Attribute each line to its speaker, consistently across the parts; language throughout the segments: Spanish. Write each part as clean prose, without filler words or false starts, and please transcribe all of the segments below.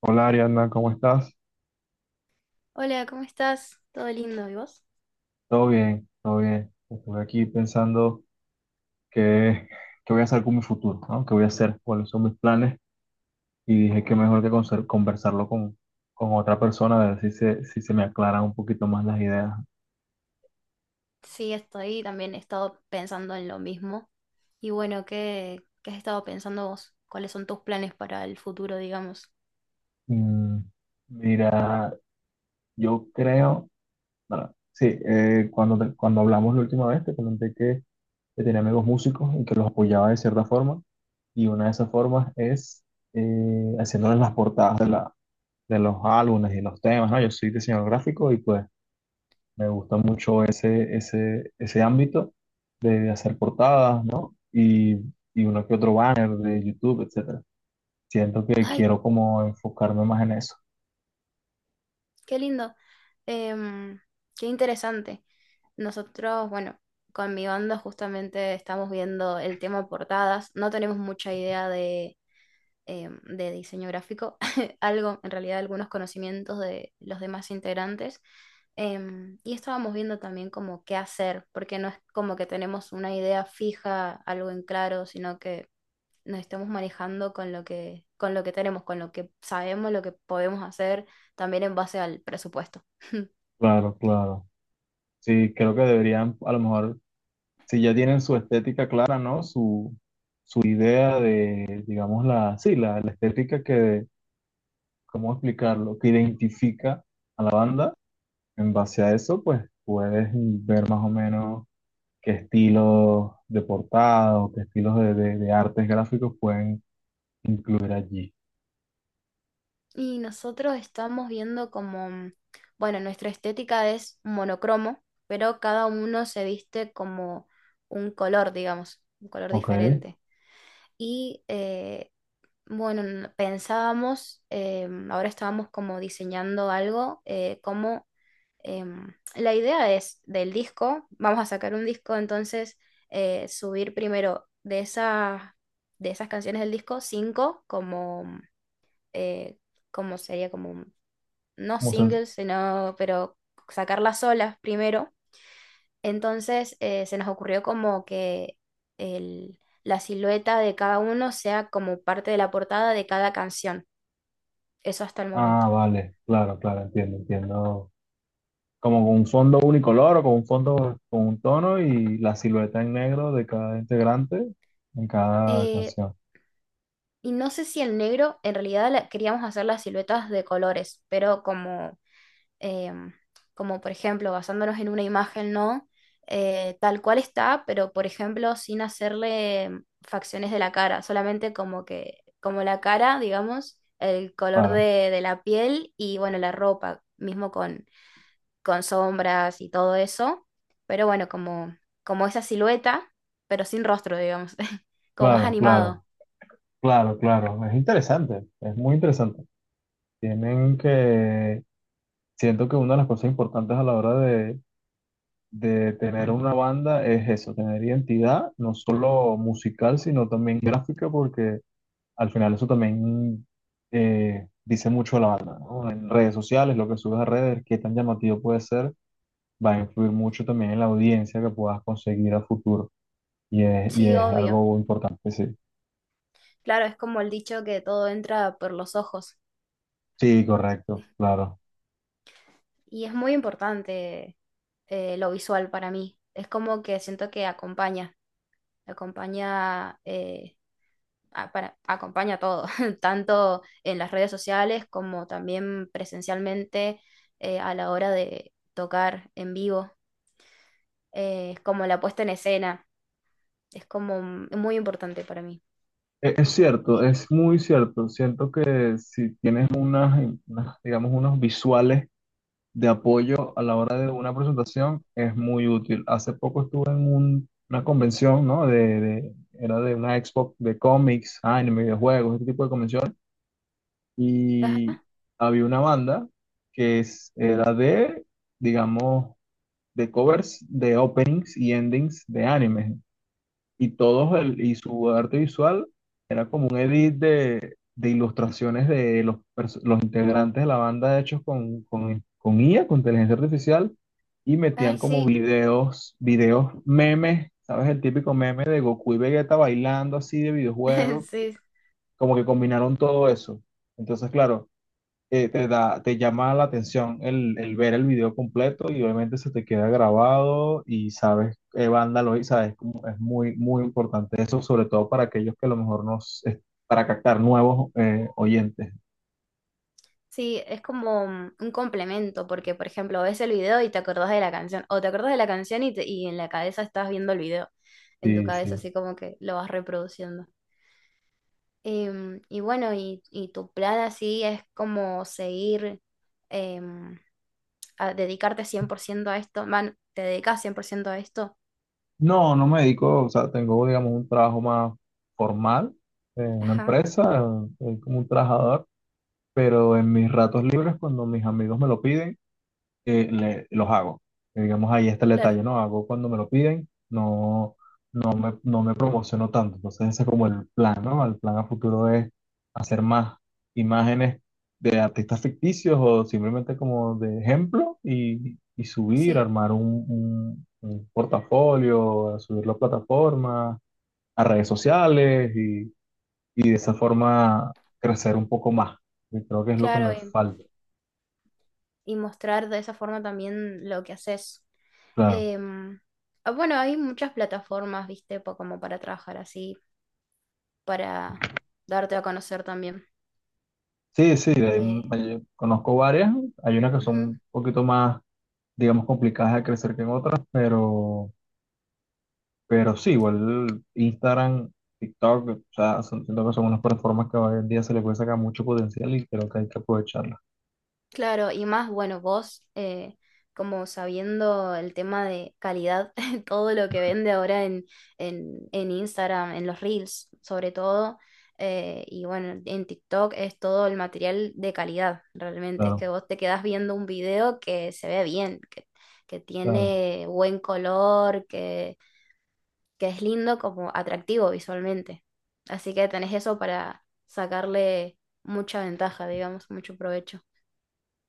Speaker 1: Hola, Ariadna, ¿cómo estás?
Speaker 2: Hola, ¿cómo estás? ¿Todo lindo? ¿Y vos?
Speaker 1: Todo bien, todo bien. Estuve aquí pensando qué, qué voy a hacer con mi futuro, ¿no? ¿Qué voy a hacer? ¿Cuáles son mis planes? Y dije que mejor que conversarlo con otra persona, a ver si si se me aclaran un poquito más las ideas.
Speaker 2: Sí, estoy también he estado pensando en lo mismo. Y bueno, ¿qué has estado pensando vos? ¿Cuáles son tus planes para el futuro, digamos?
Speaker 1: Mm, mira, yo creo, bueno, sí, cuando, te- cuando hablamos la última vez te comenté que tenía amigos músicos y que los apoyaba de cierta forma. Y una de esas formas es haciéndoles las portadas de los álbumes y los temas, ¿no? Yo soy diseñador gráfico y pues me gusta mucho ese ámbito de hacer portadas, ¿no? Y uno que otro banner de YouTube, etcétera. Siento que
Speaker 2: ¡Ay,
Speaker 1: quiero como enfocarme más en eso.
Speaker 2: qué lindo! Em, Qué interesante. Nosotros, bueno, con mi banda justamente estamos viendo el tema portadas. No tenemos mucha idea de diseño gráfico, algo, en realidad algunos conocimientos de los demás integrantes. Y estábamos viendo también como qué hacer, porque no es como que tenemos una idea fija, algo en claro, sino que nos estamos manejando con con lo que tenemos, con lo que sabemos, lo que podemos hacer, también en base al presupuesto.
Speaker 1: Claro, claro. Sí, creo que deberían, a lo mejor, si ya tienen su estética clara, ¿no? Su idea de, digamos, la estética que, ¿cómo explicarlo? Que identifica a la banda. En base a eso, pues puedes ver más o menos qué estilos de portada o qué estilos de, de artes gráficos pueden incluir allí.
Speaker 2: Y nosotros estamos viendo como, bueno, nuestra estética es monocromo, pero cada uno se viste como un color, digamos, un color
Speaker 1: ¿Ok?
Speaker 2: diferente. Y bueno, pensábamos, ahora estábamos como diseñando algo, como la idea es del disco, vamos a sacar un disco, entonces subir primero de esas canciones del disco, cinco como... eh, como sería como no
Speaker 1: Como se-
Speaker 2: singles, sino, pero sacarlas solas primero. Entonces se nos ocurrió como que la silueta de cada uno sea como parte de la portada de cada canción. Eso hasta el momento.
Speaker 1: ah, vale, claro, claro, entiendo, entiendo. Como con un fondo unicolor o con un fondo con un tono y la silueta en negro de cada integrante en cada
Speaker 2: Eh,
Speaker 1: canción.
Speaker 2: y no sé si el negro, en realidad queríamos hacer las siluetas de colores, pero como eh, como por ejemplo basándonos en una imagen, ¿no? Tal cual está, pero por ejemplo sin hacerle facciones de la cara, solamente como que, como la cara, digamos, el color
Speaker 1: Claro,
Speaker 2: de la piel y bueno, la ropa, mismo con sombras y todo eso, pero bueno, como, como esa silueta, pero sin rostro, digamos, como más
Speaker 1: claro,
Speaker 2: animado.
Speaker 1: claro, claro, claro. Es interesante, es muy interesante. Tienen que, siento que una de las cosas importantes a la hora de tener una banda es eso, tener identidad, no solo musical, sino también gráfica, porque al final eso también dice mucho a la banda, ¿no? En redes sociales, lo que subes a redes, qué tan llamativo puede ser, va a influir mucho también en la audiencia que puedas conseguir a futuro. Y
Speaker 2: Sí,
Speaker 1: es
Speaker 2: obvio.
Speaker 1: algo importante, sí.
Speaker 2: Claro, es como el dicho que todo entra por los ojos.
Speaker 1: Sí, correcto, claro.
Speaker 2: Y es muy importante lo visual para mí. Es como que siento que acompaña, acompaña, eh, acompaña todo, tanto en las redes sociales como también presencialmente a la hora de tocar en vivo. Es como la puesta en escena, es como muy importante para mí.
Speaker 1: Es cierto,
Speaker 2: Y-
Speaker 1: es muy cierto. Siento que si tienes digamos, unos visuales de apoyo a la hora de una presentación es muy útil. Hace poco estuve en una convención, ¿no? Era de una expo de cómics, anime, videojuegos, este tipo de convenciones. Y
Speaker 2: ajá,
Speaker 1: había una banda que era de, digamos, de covers de openings y endings de anime y su arte visual era como un edit de ilustraciones de los integrantes de la banda hechos con IA, con inteligencia artificial, y metían
Speaker 2: ay,
Speaker 1: como
Speaker 2: sí,
Speaker 1: videos, videos memes, ¿sabes? El típico meme de Goku y Vegeta bailando así de videojuego,
Speaker 2: sí.
Speaker 1: como que combinaron todo eso. Entonces, claro, te te llama la atención el ver el video completo y obviamente se te queda grabado y sabes qué banda lo hizo, sabes, como es muy, muy importante eso, sobre todo para aquellos que a lo mejor es para captar nuevos oyentes.
Speaker 2: Sí, es como un complemento, porque por ejemplo ves el video y te acordás de la canción, o te acordás de la canción y en la cabeza estás viendo el video, en tu
Speaker 1: Sí,
Speaker 2: cabeza
Speaker 1: sí.
Speaker 2: así como que lo vas reproduciendo. Y bueno, y tu plan así es como seguir, em, a dedicarte 100% a esto, man, te dedicas 100% a esto.
Speaker 1: No, no me dedico, o sea, tengo, digamos, un trabajo más formal en una
Speaker 2: Ajá,
Speaker 1: empresa, soy como un trabajador, pero en mis ratos libres, cuando mis amigos me lo piden, que los hago. Digamos, ahí está el
Speaker 2: claro,
Speaker 1: detalle, ¿no? Hago cuando me lo piden, no, no me promociono tanto. Entonces ese es como el plan, ¿no? El plan a futuro es hacer más imágenes de artistas ficticios o simplemente como de ejemplo y subir,
Speaker 2: sí,
Speaker 1: armar un portafolio, subirlo a plataformas, a redes sociales y de esa forma crecer un poco más. Y creo que es lo que
Speaker 2: claro.
Speaker 1: me falta.
Speaker 2: Y mostrar de esa forma también lo que haces.
Speaker 1: Claro.
Speaker 2: Em, ah, bueno, hay muchas plataformas, viste, como para trabajar así, para darte a conocer también.
Speaker 1: Sí, sí, hay
Speaker 2: Eh,
Speaker 1: conozco varias. Hay unas que son
Speaker 2: ujú.
Speaker 1: un poquito más, digamos, complicadas de crecer que en otras, pero sí, igual Instagram, TikTok, o sea, son, siento que son unas plataformas que hoy en día se le puede sacar mucho potencial y creo que hay que aprovecharlas.
Speaker 2: Claro, y más, bueno, vos, como sabiendo el tema de calidad, todo lo que vende ahora en Instagram, en los Reels, sobre todo, y bueno, en TikTok es todo el material de calidad, realmente. Es
Speaker 1: Claro,
Speaker 2: que vos te quedás viendo un video que se ve bien, que
Speaker 1: claro.
Speaker 2: tiene buen color, que es lindo como atractivo visualmente. Así que tenés eso para sacarle mucha ventaja, digamos, mucho provecho.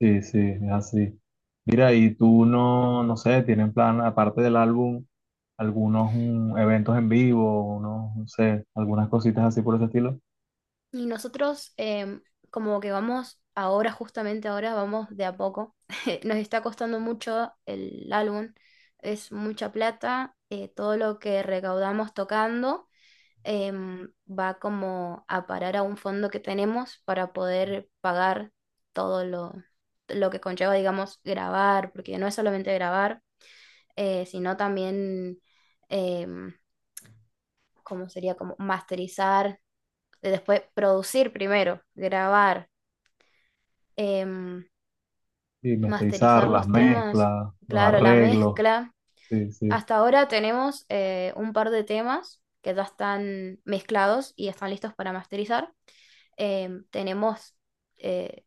Speaker 1: Sí, sí, es así. Mira, y tú no, no sé, tienen plan, aparte del álbum, algunos eventos en vivo, unos, no sé, algunas cositas así por ese estilo.
Speaker 2: Y nosotros como que vamos ahora, justamente ahora, vamos de a poco. Nos está costando mucho el álbum, es mucha plata, todo lo que recaudamos tocando. Va como a parar a un fondo que tenemos para poder pagar todo lo que conlleva, digamos, grabar, porque no es solamente grabar, sino también, em, ¿cómo sería? Como masterizar, después producir primero, grabar, em,
Speaker 1: Y masterizar,
Speaker 2: masterizar
Speaker 1: las
Speaker 2: los temas,
Speaker 1: mezclas, los
Speaker 2: claro, la
Speaker 1: arreglos.
Speaker 2: mezcla.
Speaker 1: Sí, sí,
Speaker 2: Hasta ahora tenemos un par de temas que ya están mezclados y están listos para masterizar. Tenemos eh,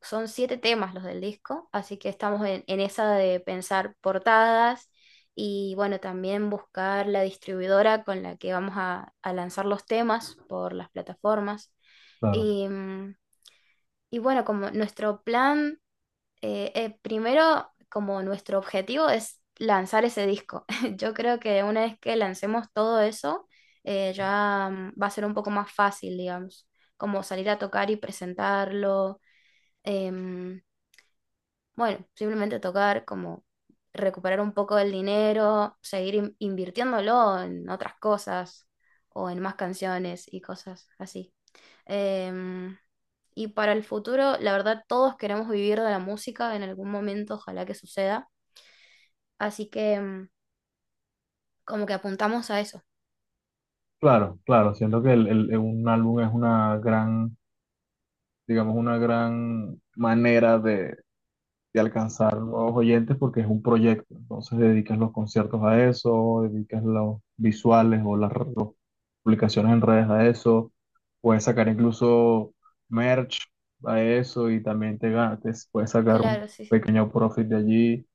Speaker 2: son 7 temas los del disco, así que estamos en esa de pensar portadas y bueno, también buscar la distribuidora con la que vamos a lanzar los temas por las plataformas.
Speaker 1: claro,
Speaker 2: Y, y bueno, como nuestro plan, primero como nuestro objetivo es lanzar ese disco. Yo creo que una vez que lancemos todo eso, ya mm, va a ser un poco más fácil, digamos, como salir a tocar y presentarlo. em, bueno, simplemente tocar como recuperar un poco del dinero, seguir invirtiéndolo en otras cosas o en más canciones y cosas así. Em, y para el futuro, la verdad, todos queremos vivir de la música en algún momento, ojalá que suceda. Así que como que apuntamos a eso.
Speaker 1: claro, claro. Siento que un álbum es una gran, digamos, una gran manera de alcanzar nuevos oyentes porque es un proyecto. Entonces dedicas los conciertos a eso, dedicas los visuales o las publicaciones en redes a eso. Puedes sacar incluso merch a eso y también te puedes sacar un
Speaker 2: Claro, sí, sí.
Speaker 1: pequeño profit de allí.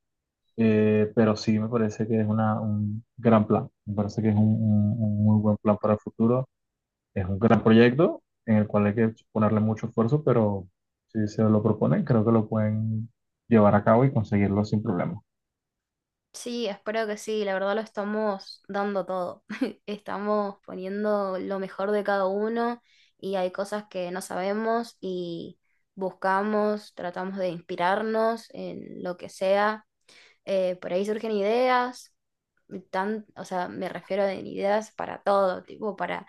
Speaker 1: Pero sí me parece que es un gran plan. Me parece que es un muy buen plan para el futuro. Es un gran proyecto en el cual hay que ponerle mucho esfuerzo, pero si se lo proponen, creo que lo pueden llevar a cabo y conseguirlo sin problema.
Speaker 2: Sí, espero que sí, la verdad lo estamos dando todo. Estamos poniendo lo mejor de cada uno y hay cosas que no sabemos y buscamos, tratamos de inspirarnos en lo que sea. Por ahí surgen ideas, tan, o sea, me refiero en ideas para todo, tipo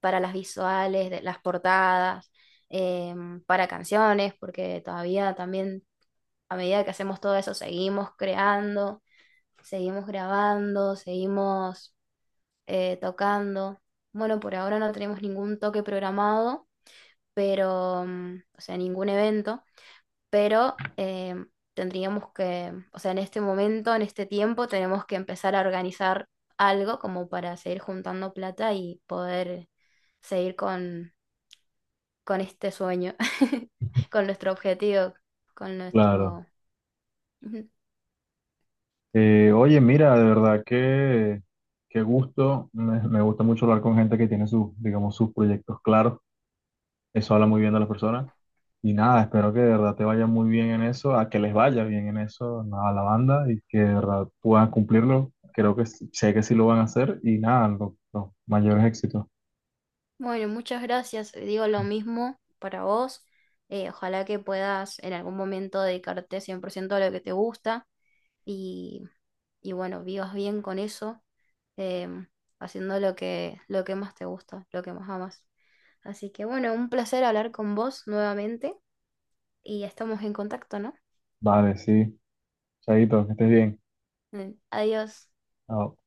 Speaker 2: para las visuales, de, las portadas, para canciones, porque todavía también a medida que hacemos todo eso seguimos creando, seguimos grabando, seguimos tocando. Bueno, por ahora no tenemos ningún toque programado, pero, mm, o sea, ningún evento, pero tendríamos que, o sea, en este momento, en este tiempo, tenemos que empezar a organizar algo como para seguir juntando plata y poder seguir con este sueño, con nuestro objetivo, con
Speaker 1: Claro.
Speaker 2: nuestro...
Speaker 1: Oye, mira, de verdad que qué gusto. Me gusta mucho hablar con gente que tiene sus, digamos, sus proyectos claros. Eso habla muy bien de las personas. Y nada, espero que de verdad te vaya muy bien en eso, a que les vaya bien en eso, nada, a la banda y que de verdad puedan cumplirlo. Creo que sé que sí lo van a hacer y nada, los mayores éxitos.
Speaker 2: Bueno, muchas gracias. Digo lo mismo para vos. Ojalá que puedas en algún momento dedicarte 100% a lo que te gusta y, y bueno, vivas bien con eso, em, haciendo lo lo que más te gusta, lo que más amas. Así que bueno, un placer hablar con vos nuevamente y estamos en contacto, ¿no?
Speaker 1: Vale, sí. Chaito, que estés bien.
Speaker 2: Adiós.
Speaker 1: Chao.